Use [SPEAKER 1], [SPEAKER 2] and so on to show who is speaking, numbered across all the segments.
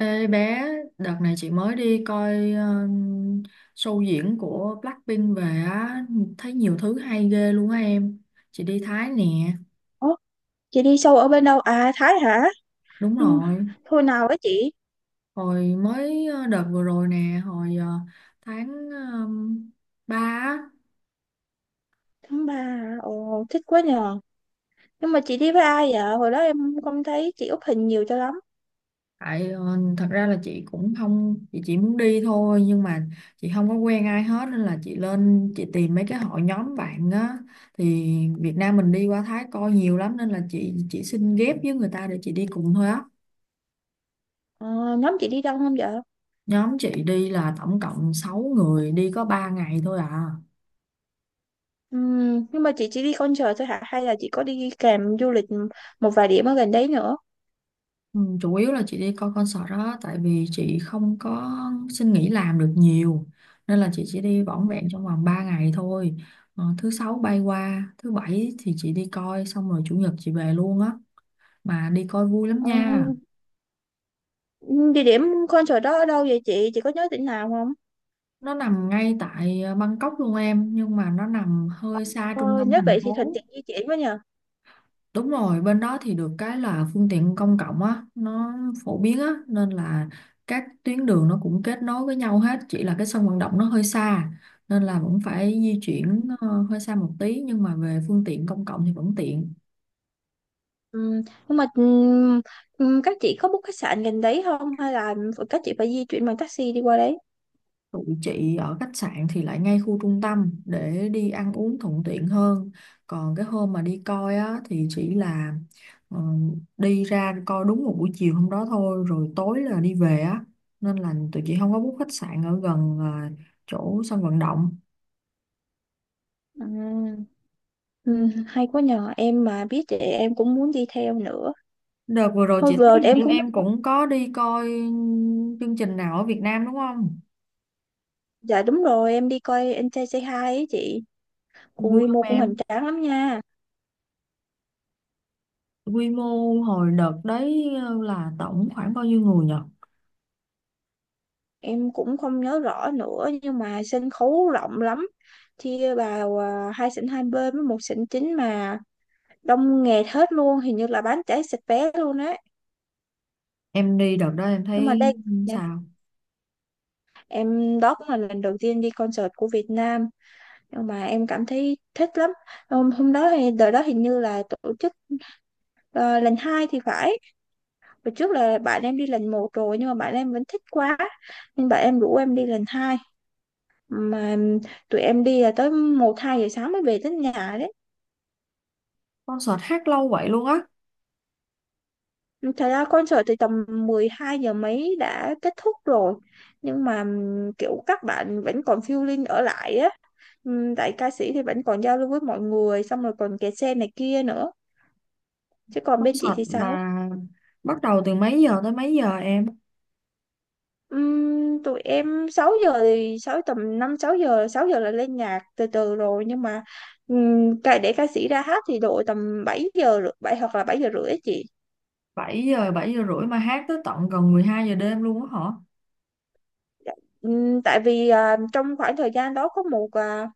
[SPEAKER 1] Ê bé, đợt này chị mới đi coi show diễn của Blackpink về á, thấy nhiều thứ hay ghê luôn á em. Chị đi Thái nè,
[SPEAKER 2] Ủa, chị đi sâu ở bên đâu? À, Thái hả?
[SPEAKER 1] đúng
[SPEAKER 2] Ừ,
[SPEAKER 1] rồi.
[SPEAKER 2] thôi nào với chị.
[SPEAKER 1] Hồi mới đợt vừa rồi nè, hồi tháng uh, 3.
[SPEAKER 2] Tháng ba hả? Ồ, thích quá nhờ. Nhưng mà chị đi với ai vậy? Hồi đó em không thấy chị up hình nhiều cho lắm.
[SPEAKER 1] Tại thật ra là chị cũng không, chị chỉ muốn đi thôi, nhưng mà chị không có quen ai hết nên là chị lên chị tìm mấy cái hội nhóm bạn á, thì Việt Nam mình đi qua Thái coi nhiều lắm nên là chị chỉ xin ghép với người ta để chị đi cùng thôi á.
[SPEAKER 2] Ờ, nhóm chị đi đông không vậy?
[SPEAKER 1] Nhóm chị đi là tổng cộng 6 người, đi có 3 ngày thôi à.
[SPEAKER 2] Ừ, nhưng mà chị chỉ đi concert thôi hả? Hay là chị có đi kèm du lịch một vài điểm ở gần đấy nữa?
[SPEAKER 1] Ừ, chủ yếu là chị đi coi concert đó, tại vì chị không có xin nghỉ làm được nhiều nên là chị chỉ đi vỏn
[SPEAKER 2] Ừ.
[SPEAKER 1] vẹn trong vòng 3 ngày thôi. Thứ sáu bay qua thứ bảy thì chị đi coi xong, rồi chủ nhật chị về luôn á. Mà đi coi vui lắm
[SPEAKER 2] Ờ,
[SPEAKER 1] nha.
[SPEAKER 2] địa điểm concert đó ở đâu vậy chị? Chị có nhớ tỉnh nào không?
[SPEAKER 1] Nó nằm ngay tại Bangkok luôn em, nhưng mà nó nằm hơi xa
[SPEAKER 2] Ờ,
[SPEAKER 1] trung tâm
[SPEAKER 2] nhớ
[SPEAKER 1] thành
[SPEAKER 2] vậy thì thuận
[SPEAKER 1] phố.
[SPEAKER 2] tiện di chuyển với nhờ.
[SPEAKER 1] Đúng rồi, bên đó thì được cái là phương tiện công cộng á, nó phổ biến á, nên là các tuyến đường nó cũng kết nối với nhau hết, chỉ là cái sân vận động nó hơi xa, nên là vẫn phải di chuyển hơi xa một tí, nhưng mà về phương tiện công cộng thì vẫn tiện.
[SPEAKER 2] Ừ, nhưng mà các chị có book khách sạn gần đấy không hay là các chị phải di chuyển bằng taxi đi qua đấy?
[SPEAKER 1] Tụi chị ở khách sạn thì lại ngay khu trung tâm để đi ăn uống thuận tiện hơn. Còn cái hôm mà đi coi á thì chỉ là ờ, đi ra coi đúng một buổi chiều hôm đó thôi, rồi tối là đi về á. Nên là tụi chị không có book khách sạn ở gần chỗ sân vận động.
[SPEAKER 2] Ừ, ừ, hay quá nhờ em mà biết thì em cũng muốn đi theo nữa.
[SPEAKER 1] Đợt vừa rồi
[SPEAKER 2] Thôi
[SPEAKER 1] chị thấy
[SPEAKER 2] vừa
[SPEAKER 1] hình
[SPEAKER 2] em
[SPEAKER 1] như
[SPEAKER 2] cũng
[SPEAKER 1] em
[SPEAKER 2] mới
[SPEAKER 1] cũng có đi coi chương trình nào ở Việt Nam đúng không?
[SPEAKER 2] dạ đúng rồi em đi coi anh trai Say Hi ấy chị. Cũng
[SPEAKER 1] Vui
[SPEAKER 2] quy mô
[SPEAKER 1] không
[SPEAKER 2] cũng
[SPEAKER 1] em?
[SPEAKER 2] hoành tráng lắm nha.
[SPEAKER 1] Quy mô hồi đợt đấy là tổng khoảng bao nhiêu người nhỉ?
[SPEAKER 2] Em cũng không nhớ rõ nữa nhưng mà sân khấu rộng lắm. Chia vào hai sảnh hai bên với một sảnh chính mà đông nghẹt hết luôn, hình như là bán cháy sạch vé luôn á.
[SPEAKER 1] Em đi đợt đó em
[SPEAKER 2] Nhưng mà
[SPEAKER 1] thấy
[SPEAKER 2] đây
[SPEAKER 1] sao?
[SPEAKER 2] em đó cũng là lần đầu tiên đi concert của Việt Nam nhưng mà em cảm thấy thích lắm. Hôm đó thì đợt đó hình như là tổ chức ờ, lần hai thì phải. Hồi trước là bạn em đi lần một rồi nhưng mà bạn em vẫn thích quá nên bạn em rủ em đi lần hai, mà tụi em đi là tới một hai giờ sáng mới về tới nhà đấy.
[SPEAKER 1] Concert hát lâu vậy luôn á.
[SPEAKER 2] Thật ra concert thì tầm 12 giờ mấy đã kết thúc rồi nhưng mà kiểu các bạn vẫn còn feeling ở lại á. Tại ca sĩ thì vẫn còn giao lưu với mọi người xong rồi còn kẹt xe này kia nữa, chứ còn bên chị
[SPEAKER 1] Concert
[SPEAKER 2] thì sao?
[SPEAKER 1] là bắt đầu từ mấy giờ tới mấy giờ em?
[SPEAKER 2] Tụi em 6 giờ thì 6, tầm 5 6 giờ, 6 giờ là lên nhạc từ từ rồi nhưng mà để ca sĩ ra hát thì độ tầm 7 giờ rưỡi- 7 hoặc là 7 giờ rưỡi á chị.
[SPEAKER 1] 7 giờ, 7 giờ rưỡi mà hát tới tận gần 12 giờ đêm luôn á hả?
[SPEAKER 2] Dạ. Tại vì à, trong khoảng thời gian đó có một à,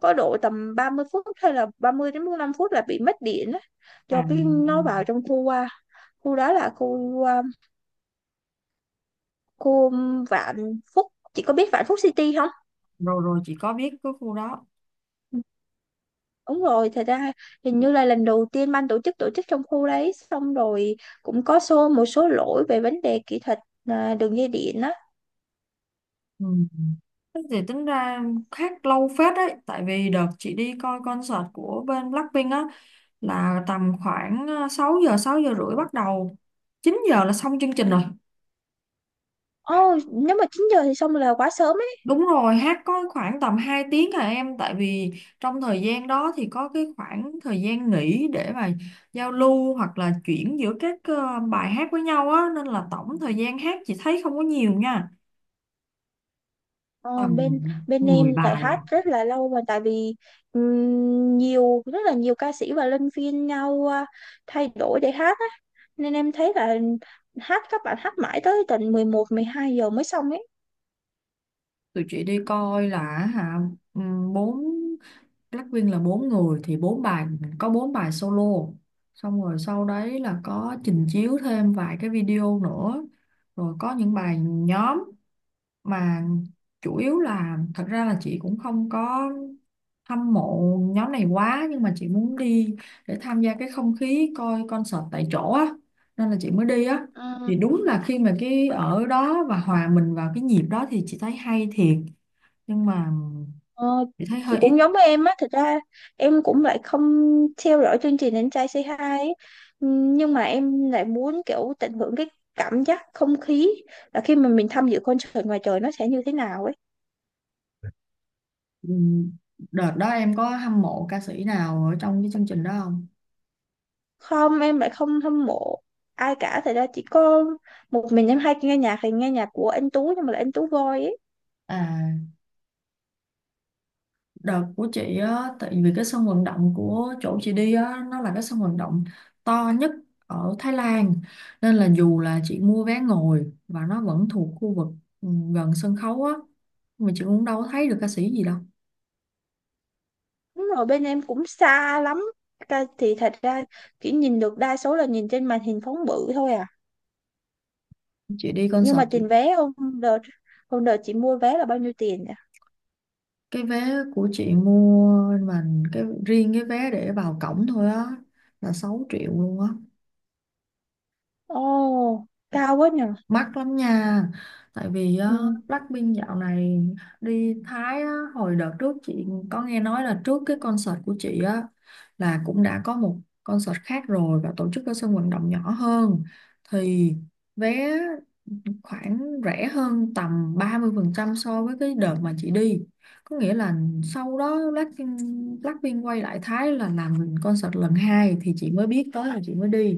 [SPEAKER 2] có độ tầm 30 phút hay là 30 đến 45 phút là bị mất điện á, do
[SPEAKER 1] À,
[SPEAKER 2] cái nó vào trong khu qua, khu đó là khu à, khu Vạn Phúc, chị có biết Vạn Phúc City không.
[SPEAKER 1] rồi rồi chị có biết cái khu đó.
[SPEAKER 2] Đúng rồi, thật ra hình như là lần đầu tiên ban tổ chức trong khu đấy xong rồi cũng có xô một số lỗi về vấn đề kỹ thuật, à, đường dây điện á.
[SPEAKER 1] Ừ. Thế thì tính ra hát lâu phết đấy. Tại vì đợt chị đi coi concert của bên Blackpink á là tầm khoảng 6 giờ, 6 giờ rưỡi bắt đầu. 9 giờ là xong chương trình rồi.
[SPEAKER 2] Ồ, nếu mà 9 giờ thì xong là quá sớm.
[SPEAKER 1] Đúng rồi, hát có khoảng tầm 2 tiếng à em, tại vì trong thời gian đó thì có cái khoảng thời gian nghỉ để mà giao lưu hoặc là chuyển giữa các bài hát với nhau á, nên là tổng thời gian hát chị thấy không có nhiều nha,
[SPEAKER 2] Ờ,
[SPEAKER 1] tầm
[SPEAKER 2] bên bên
[SPEAKER 1] mười
[SPEAKER 2] em lại
[SPEAKER 1] bài
[SPEAKER 2] hát
[SPEAKER 1] à.
[SPEAKER 2] rất là lâu, mà tại vì nhiều, rất là nhiều ca sĩ và luân phiên nhau à, thay đổi để hát á, nên em thấy là hát, các bạn hát mãi tới tận 11 12 giờ mới xong ấy.
[SPEAKER 1] Tụi chị đi coi là, hả, 4, Blackpink là 4 người thì 4 bài, có 4 bài solo. Xong rồi sau đấy là có trình chiếu thêm vài cái video nữa. Rồi có những bài nhóm, mà chủ yếu là thật ra là chị cũng không có hâm mộ nhóm này quá, nhưng mà chị muốn đi để tham gia cái không khí coi concert tại chỗ á, nên là chị mới đi á.
[SPEAKER 2] Ờ,
[SPEAKER 1] Thì đúng là khi mà cái ở đó và hòa mình vào cái nhịp đó thì chị thấy hay thiệt, nhưng mà
[SPEAKER 2] ờ,
[SPEAKER 1] chị thấy
[SPEAKER 2] chị
[SPEAKER 1] hơi ít.
[SPEAKER 2] cũng giống với em á, thật ra em cũng lại không theo dõi chương trình Anh trai Say Hi ấy. Nhưng mà em lại muốn kiểu tận hưởng cái cảm giác không khí là khi mà mình tham dự concert ngoài trời nó sẽ như thế nào ấy.
[SPEAKER 1] Ừm, đợt đó em có hâm mộ ca sĩ nào ở trong cái chương trình đó không?
[SPEAKER 2] Không, em lại không hâm mộ ai cả, thật ra chỉ có một mình em hay nghe nhạc thì nghe nhạc của anh Tú, nhưng mà là anh Tú Voi ấy.
[SPEAKER 1] À. Đợt của chị á, tại vì cái sân vận động của chỗ chị đi á, nó là cái sân vận động to nhất ở Thái Lan. Nên là dù là chị mua vé ngồi và nó vẫn thuộc khu vực ừ, gần sân khấu á, mà chị cũng đâu có thấy được ca sĩ gì đâu.
[SPEAKER 2] Đúng rồi, bên em cũng xa lắm. Thì thật ra chỉ nhìn được đa số là nhìn trên màn hình phóng bự thôi à,
[SPEAKER 1] Chị đi
[SPEAKER 2] nhưng
[SPEAKER 1] concert,
[SPEAKER 2] mà tiền vé đợt hôm đợt chị mua vé là bao nhiêu tiền nhỉ.
[SPEAKER 1] cái vé của chị mua, mà cái riêng cái vé để vào cổng thôi á, là 6 triệu luôn á.
[SPEAKER 2] Ồ, cao quá nhỉ.
[SPEAKER 1] Mắc lắm nha. Tại vì á,
[SPEAKER 2] Ừ,
[SPEAKER 1] Blackpink dạo này đi Thái á, hồi đợt trước chị có nghe nói là trước cái concert của chị á là cũng đã có một concert khác rồi và tổ chức ở sân vận động nhỏ hơn, thì vé khoảng rẻ hơn tầm 30% so với cái đợt mà chị đi. Có nghĩa là sau đó Blackpink quay lại Thái là làm concert lần 2 thì chị mới biết tới là chị mới đi.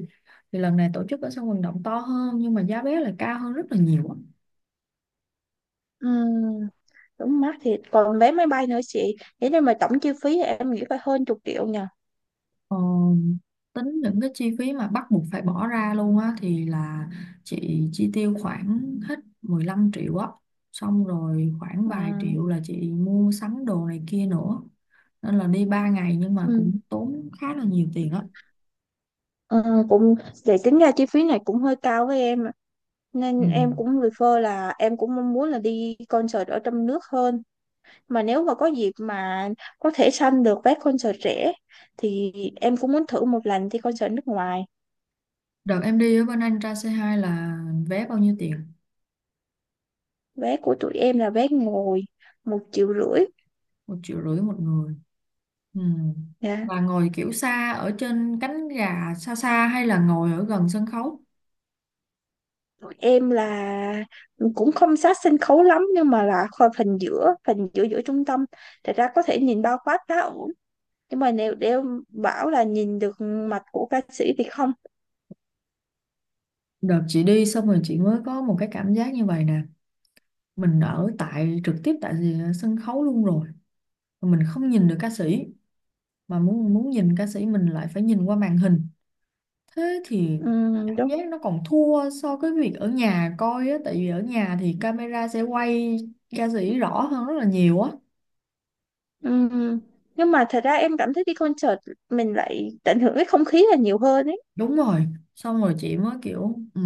[SPEAKER 1] Thì lần này tổ chức ở sân vận động to hơn nhưng mà giá vé lại cao hơn rất là nhiều á.
[SPEAKER 2] ừ, đúng, mắc thiệt, còn vé máy bay nữa chị, thế nên mà tổng chi phí thì em nghĩ phải hơn chục triệu nhỉ.
[SPEAKER 1] Ờ, tính những cái chi phí mà bắt buộc phải bỏ ra luôn á thì là chị chi tiêu khoảng hết 15 triệu á, xong rồi khoảng
[SPEAKER 2] Ừ,
[SPEAKER 1] vài triệu là chị mua sắm đồ này kia nữa, nên là đi 3 ngày nhưng mà
[SPEAKER 2] ừ,
[SPEAKER 1] cũng tốn khá là nhiều tiền á.
[SPEAKER 2] ừ, cũng, để tính ra chi phí này cũng hơi cao với em. Nên
[SPEAKER 1] Ừ.
[SPEAKER 2] em cũng refer là em cũng mong muốn là đi concert ở trong nước hơn. Mà nếu mà có dịp mà có thể săn được vé concert rẻ thì em cũng muốn thử một lần đi concert nước ngoài.
[SPEAKER 1] Đợt em đi ở bên Anh ra C2 là vé bao nhiêu tiền?
[SPEAKER 2] Vé của tụi em là vé ngồi 1,5 triệu.
[SPEAKER 1] 1 triệu rưỡi một người. Ừ.
[SPEAKER 2] Dạ.
[SPEAKER 1] Và ngồi kiểu xa ở trên cánh gà xa xa hay là ngồi ở gần sân khấu?
[SPEAKER 2] Tụi em là cũng không sát sân khấu lắm nhưng mà là kho- phần giữa giữa trung tâm. Thật ra có thể nhìn bao quát khá ổn. Nhưng mà nếu để bảo là nhìn được mặt của ca sĩ thì không.
[SPEAKER 1] Đợt chị đi xong rồi chị mới có một cái cảm giác như vậy nè, mình ở tại trực tiếp tại sân khấu luôn rồi mà mình không nhìn được ca sĩ, mà muốn muốn nhìn ca sĩ mình lại phải nhìn qua màn hình. Thế thì
[SPEAKER 2] Ừ,
[SPEAKER 1] cảm
[SPEAKER 2] đúng.
[SPEAKER 1] giác nó còn thua so với việc ở nhà coi á, tại vì ở nhà thì camera sẽ quay ca sĩ rõ hơn rất là nhiều á.
[SPEAKER 2] Ừm, Nhưng mà thật ra em cảm thấy đi concert mình lại tận hưởng cái không khí là nhiều hơn ấy.
[SPEAKER 1] Đúng rồi, xong rồi chị mới kiểu ừ,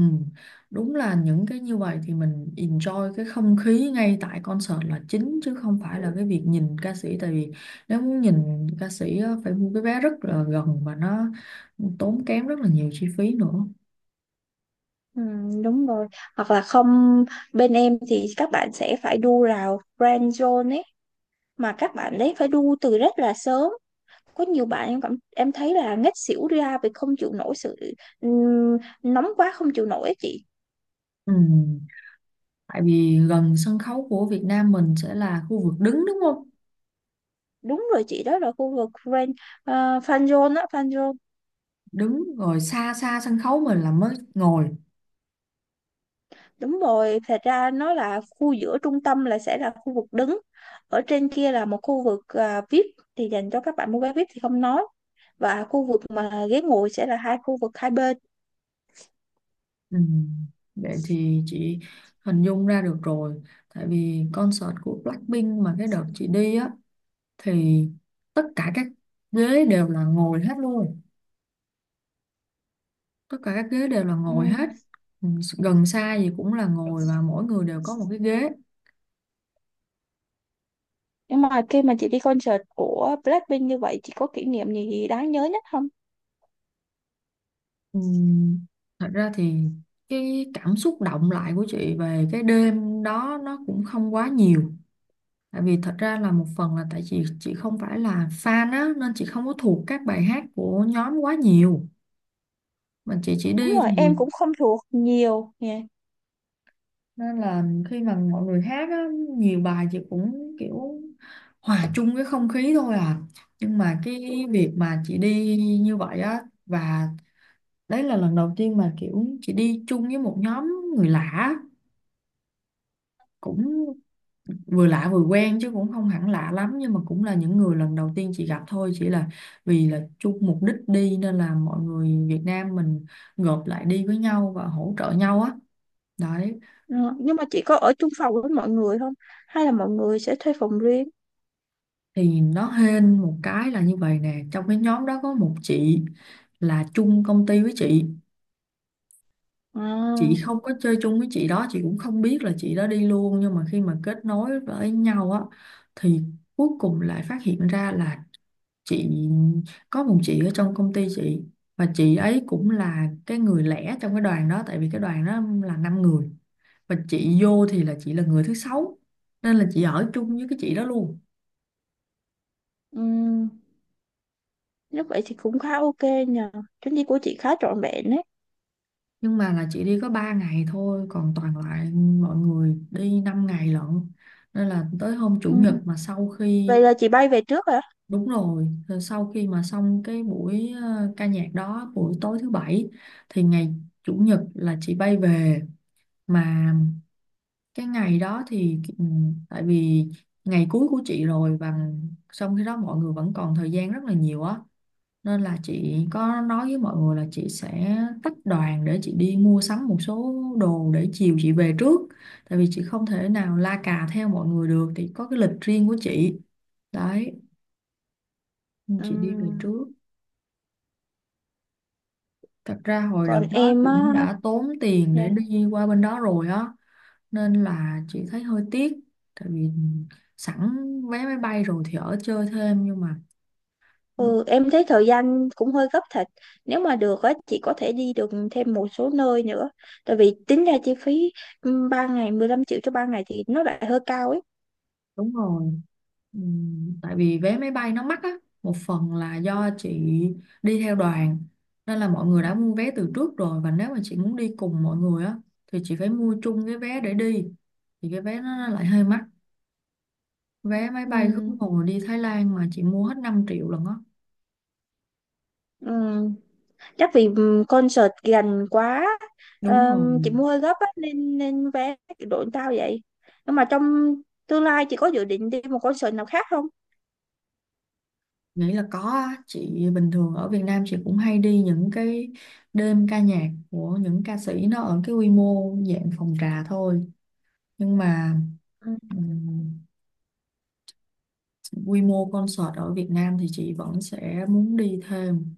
[SPEAKER 1] đúng là những cái như vậy thì mình enjoy cái không khí ngay tại concert là chính, chứ không phải là cái việc nhìn ca sĩ, tại vì nếu muốn nhìn ca sĩ á, phải mua cái vé rất là gần và nó tốn kém rất là nhiều chi phí nữa.
[SPEAKER 2] Đúng rồi. Hoặc là không, bên em thì các bạn sẽ phải đu rào Grand Zone ấy, mà các bạn đấy phải đu từ rất là sớm. Có nhiều bạn, em cảm em thấy là ngất xỉu ra vì không chịu nổi sự ừm, nóng, quá không chịu nổi ấy chị.
[SPEAKER 1] Ừ, tại vì gần sân khấu của Việt Nam mình sẽ là khu vực đứng đúng không?
[SPEAKER 2] Đúng rồi chị, đó là khu vực Grand Fan Zone á, Fan Zone.
[SPEAKER 1] Đứng, rồi xa xa sân khấu mình là mới ngồi.
[SPEAKER 2] Đúng rồi, thật ra nó là khu giữa trung tâm, là sẽ là khu vực đứng. Ở trên kia là một khu vực à, VIP thì dành cho các bạn mua vé VIP thì không nói. Và khu vực mà ghế ngồi sẽ là hai khu vực hai bên.
[SPEAKER 1] Ừ. Vậy thì chị hình dung ra được rồi. Tại vì concert của Blackpink mà cái đợt chị đi á, thì tất cả các ghế đều là ngồi hết luôn. Tất cả các ghế đều là ngồi hết.
[SPEAKER 2] Ừm,
[SPEAKER 1] Ừ, gần xa gì cũng là ngồi và mỗi người đều có một cái ghế.
[SPEAKER 2] Nhưng mà khi mà chị đi concert của Blackpink như vậy, chị có kỷ niệm gì đáng nhớ nhất không?
[SPEAKER 1] Ừ. Thật ra thì cái cảm xúc động lại của chị về cái đêm đó nó cũng không quá nhiều. Tại vì thật ra là một phần là tại chị không phải là fan á, nên chị không có thuộc các bài hát của nhóm quá nhiều, mà chị chỉ
[SPEAKER 2] Đúng
[SPEAKER 1] đi
[SPEAKER 2] rồi,
[SPEAKER 1] thì,
[SPEAKER 2] em cũng không thuộc nhiều nha.
[SPEAKER 1] nên là khi mà mọi người hát á, nhiều bài chị cũng kiểu hòa chung cái không khí thôi à. Nhưng mà cái việc mà chị đi như vậy á, và đấy là lần đầu tiên mà kiểu chị đi chung với một nhóm người lạ, cũng vừa lạ vừa quen chứ cũng không hẳn lạ lắm, nhưng mà cũng là những người lần đầu tiên chị gặp thôi, chỉ là vì là chung mục đích đi nên là mọi người Việt Nam mình gộp lại đi với nhau và hỗ trợ nhau á, đấy.
[SPEAKER 2] Ừ, nhưng mà chị có ở chung phòng với mọi người không? Hay là mọi người sẽ thuê phòng riêng?
[SPEAKER 1] Thì nó hên một cái là như vậy nè, trong cái nhóm đó có một chị là chung công ty với chị. Chị
[SPEAKER 2] À,
[SPEAKER 1] không có chơi chung với chị đó, chị cũng không biết là chị đó đi luôn, nhưng mà khi mà kết nối với nhau á, thì cuối cùng lại phát hiện ra là chị có một chị ở trong công ty chị, và chị ấy cũng là cái người lẻ trong cái đoàn đó. Tại vì cái đoàn đó là 5 người, và chị vô thì là chị là người thứ 6, nên là chị ở chung với cái chị đó luôn.
[SPEAKER 2] ừm, nếu vậy thì cũng khá ok nhờ. Chuyến đi của chị khá trọn vẹn
[SPEAKER 1] Nhưng mà là chị đi có 3 ngày thôi, còn toàn lại mọi người đi 5 ngày lận, nên là tới hôm chủ
[SPEAKER 2] đấy.
[SPEAKER 1] nhật mà sau khi.
[SPEAKER 2] Vậy là chị bay về trước hả?
[SPEAKER 1] Đúng rồi, rồi sau khi mà xong cái buổi ca nhạc đó, buổi tối thứ bảy, thì ngày chủ nhật là chị bay về. Mà cái ngày đó thì tại vì ngày cuối của chị rồi, và xong khi đó mọi người vẫn còn thời gian rất là nhiều á, nên là chị có nói với mọi người là chị sẽ tách đoàn để chị đi mua sắm một số đồ, để chiều chị về trước. Tại vì chị không thể nào la cà theo mọi người được, thì có cái lịch riêng của chị, đấy, nên chị đi về
[SPEAKER 2] Ừm,
[SPEAKER 1] trước. Thật ra hồi
[SPEAKER 2] Còn
[SPEAKER 1] đợt đó
[SPEAKER 2] em
[SPEAKER 1] cũng
[SPEAKER 2] á,
[SPEAKER 1] đã tốn tiền để
[SPEAKER 2] dạ.
[SPEAKER 1] đi qua bên đó rồi á, nên là chị thấy hơi tiếc. Tại vì sẵn vé máy bay rồi thì ở chơi thêm, nhưng mà
[SPEAKER 2] Ừ, em thấy thời gian cũng hơi gấp thật. Nếu mà được á, chị có thể đi được thêm một số nơi nữa. Tại vì tính ra chi phí 3 ngày, 15 triệu cho 3 ngày thì nó lại hơi cao ấy.
[SPEAKER 1] đúng rồi. Tại vì vé máy bay nó mắc á, một phần là do chị đi theo đoàn, nên là mọi người đã mua vé từ trước rồi, và nếu mà chị muốn đi cùng mọi người á, thì chị phải mua chung cái vé để đi, thì cái vé nó lại hơi mắc. Vé máy bay khứ
[SPEAKER 2] Ừm,
[SPEAKER 1] hồi đi Thái Lan mà chị mua hết 5 triệu lần á.
[SPEAKER 2] Ừm, Chắc vì concert gần quá,
[SPEAKER 1] Đúng rồi.
[SPEAKER 2] chị mua hơi gấp á, nên nên vé đội tao vậy. Nhưng mà trong tương lai chị có dự định đi một concert nào khác không?
[SPEAKER 1] Nghĩ là có á. Chị bình thường ở Việt Nam chị cũng hay đi những cái đêm ca nhạc của những ca sĩ, nó ở cái quy mô dạng phòng trà thôi, nhưng mà quy mô concert ở Việt Nam thì chị vẫn sẽ muốn đi thêm.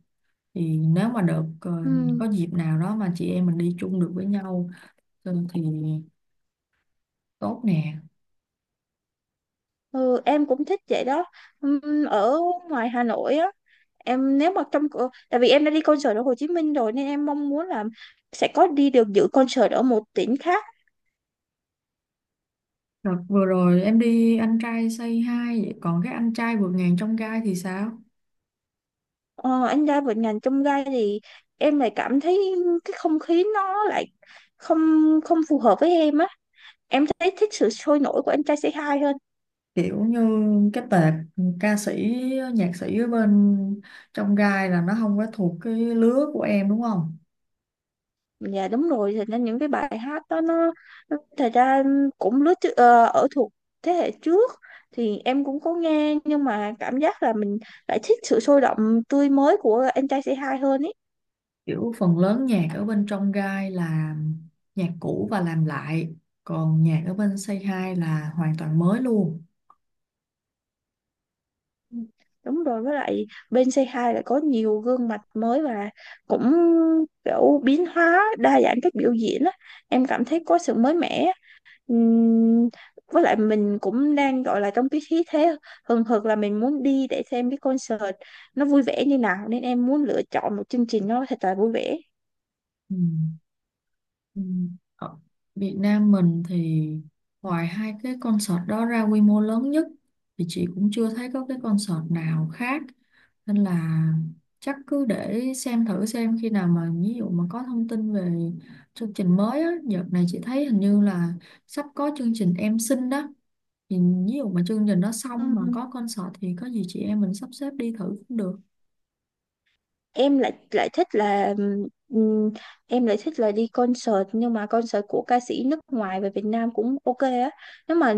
[SPEAKER 1] Thì nếu mà được
[SPEAKER 2] Ừm.
[SPEAKER 1] có dịp nào đó mà chị em mình đi chung được với nhau, thì tốt nè.
[SPEAKER 2] Ừ, em cũng thích vậy đó. Ừm, Ở ngoài Hà Nội á, em nếu mà trong tại vì em đã đi concert ở Hồ Chí Minh rồi nên em mong muốn là sẽ có đi được dự concert ở một tỉnh khác.
[SPEAKER 1] Đợt vừa rồi em đi Anh Trai Say Hi vậy, còn cái Anh Trai Vượt Ngàn Trong Gai thì sao?
[SPEAKER 2] Ờ, anh ra vịnh Ngàn Chông Gai thì em lại cảm thấy cái không khí nó lại không không phù hợp với em á. Em thấy thích sự sôi nổi của anh trai Say Hi hơn.
[SPEAKER 1] Kiểu như cái tệp ca sĩ nhạc sĩ ở bên Trong Gai là nó không có thuộc cái lứa của em đúng không?
[SPEAKER 2] Dạ đúng rồi, thì nên những cái bài hát đó nó thật ra cũng lứa chứ- ở thuộc thế hệ trước thì em cũng có nghe nhưng mà cảm giác là mình lại thích sự sôi động, tươi mới của anh trai C2 hơn ý.
[SPEAKER 1] Kiểu phần lớn nhạc ở bên Trong Gai là nhạc cũ và làm lại, còn nhạc ở bên Say Hi là hoàn toàn mới luôn.
[SPEAKER 2] Ừ, đúng rồi, với lại bên C2 lại có nhiều gương mặt mới và cũng kiểu biến hóa đa dạng cách biểu diễn á. Em cảm thấy có sự mới mẻ. Ừm, với lại mình cũng đang gọi là trong cái khí thế hừng hực là mình muốn đi để xem cái concert nó vui vẻ như nào, nên em muốn lựa chọn một chương trình nó thật là vui vẻ.
[SPEAKER 1] Ừ. Ừ. Ở Việt Nam mình thì ngoài hai cái concert đó ra quy mô lớn nhất thì chị cũng chưa thấy có cái concert nào khác, nên là chắc cứ để xem thử xem khi nào mà ví dụ mà có thông tin về chương trình mới á. Đợt này chị thấy hình như là sắp có chương trình Em Xinh đó, thì ví dụ mà chương trình nó xong mà
[SPEAKER 2] Ừm.
[SPEAKER 1] có concert thì có gì chị em mình sắp xếp đi thử cũng được.
[SPEAKER 2] Em lại lại thích là ừm, em lại thích là đi concert, nhưng mà concert của ca sĩ nước ngoài về Việt Nam cũng ok á, nếu mà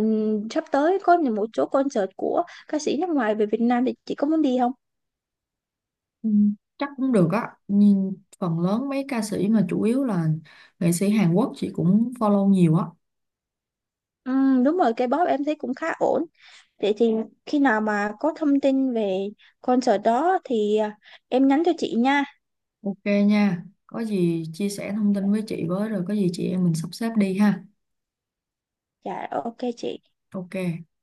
[SPEAKER 2] sắp tới có một số concert của ca sĩ nước ngoài về Việt Nam thì chị có muốn đi không.
[SPEAKER 1] Ừ, chắc cũng được á. Nhìn phần lớn mấy ca sĩ mà chủ yếu là nghệ sĩ Hàn Quốc chị cũng follow nhiều á.
[SPEAKER 2] Đúng rồi, K-pop em thấy cũng khá ổn. Vậy thì khi nào mà có thông tin về concert đó thì à, em nhắn cho chị nha.
[SPEAKER 1] Ok nha, có gì chia sẻ thông tin với chị với, rồi có gì chị em mình sắp xếp đi ha.
[SPEAKER 2] Dạ, dạ, ok chị.
[SPEAKER 1] Ok.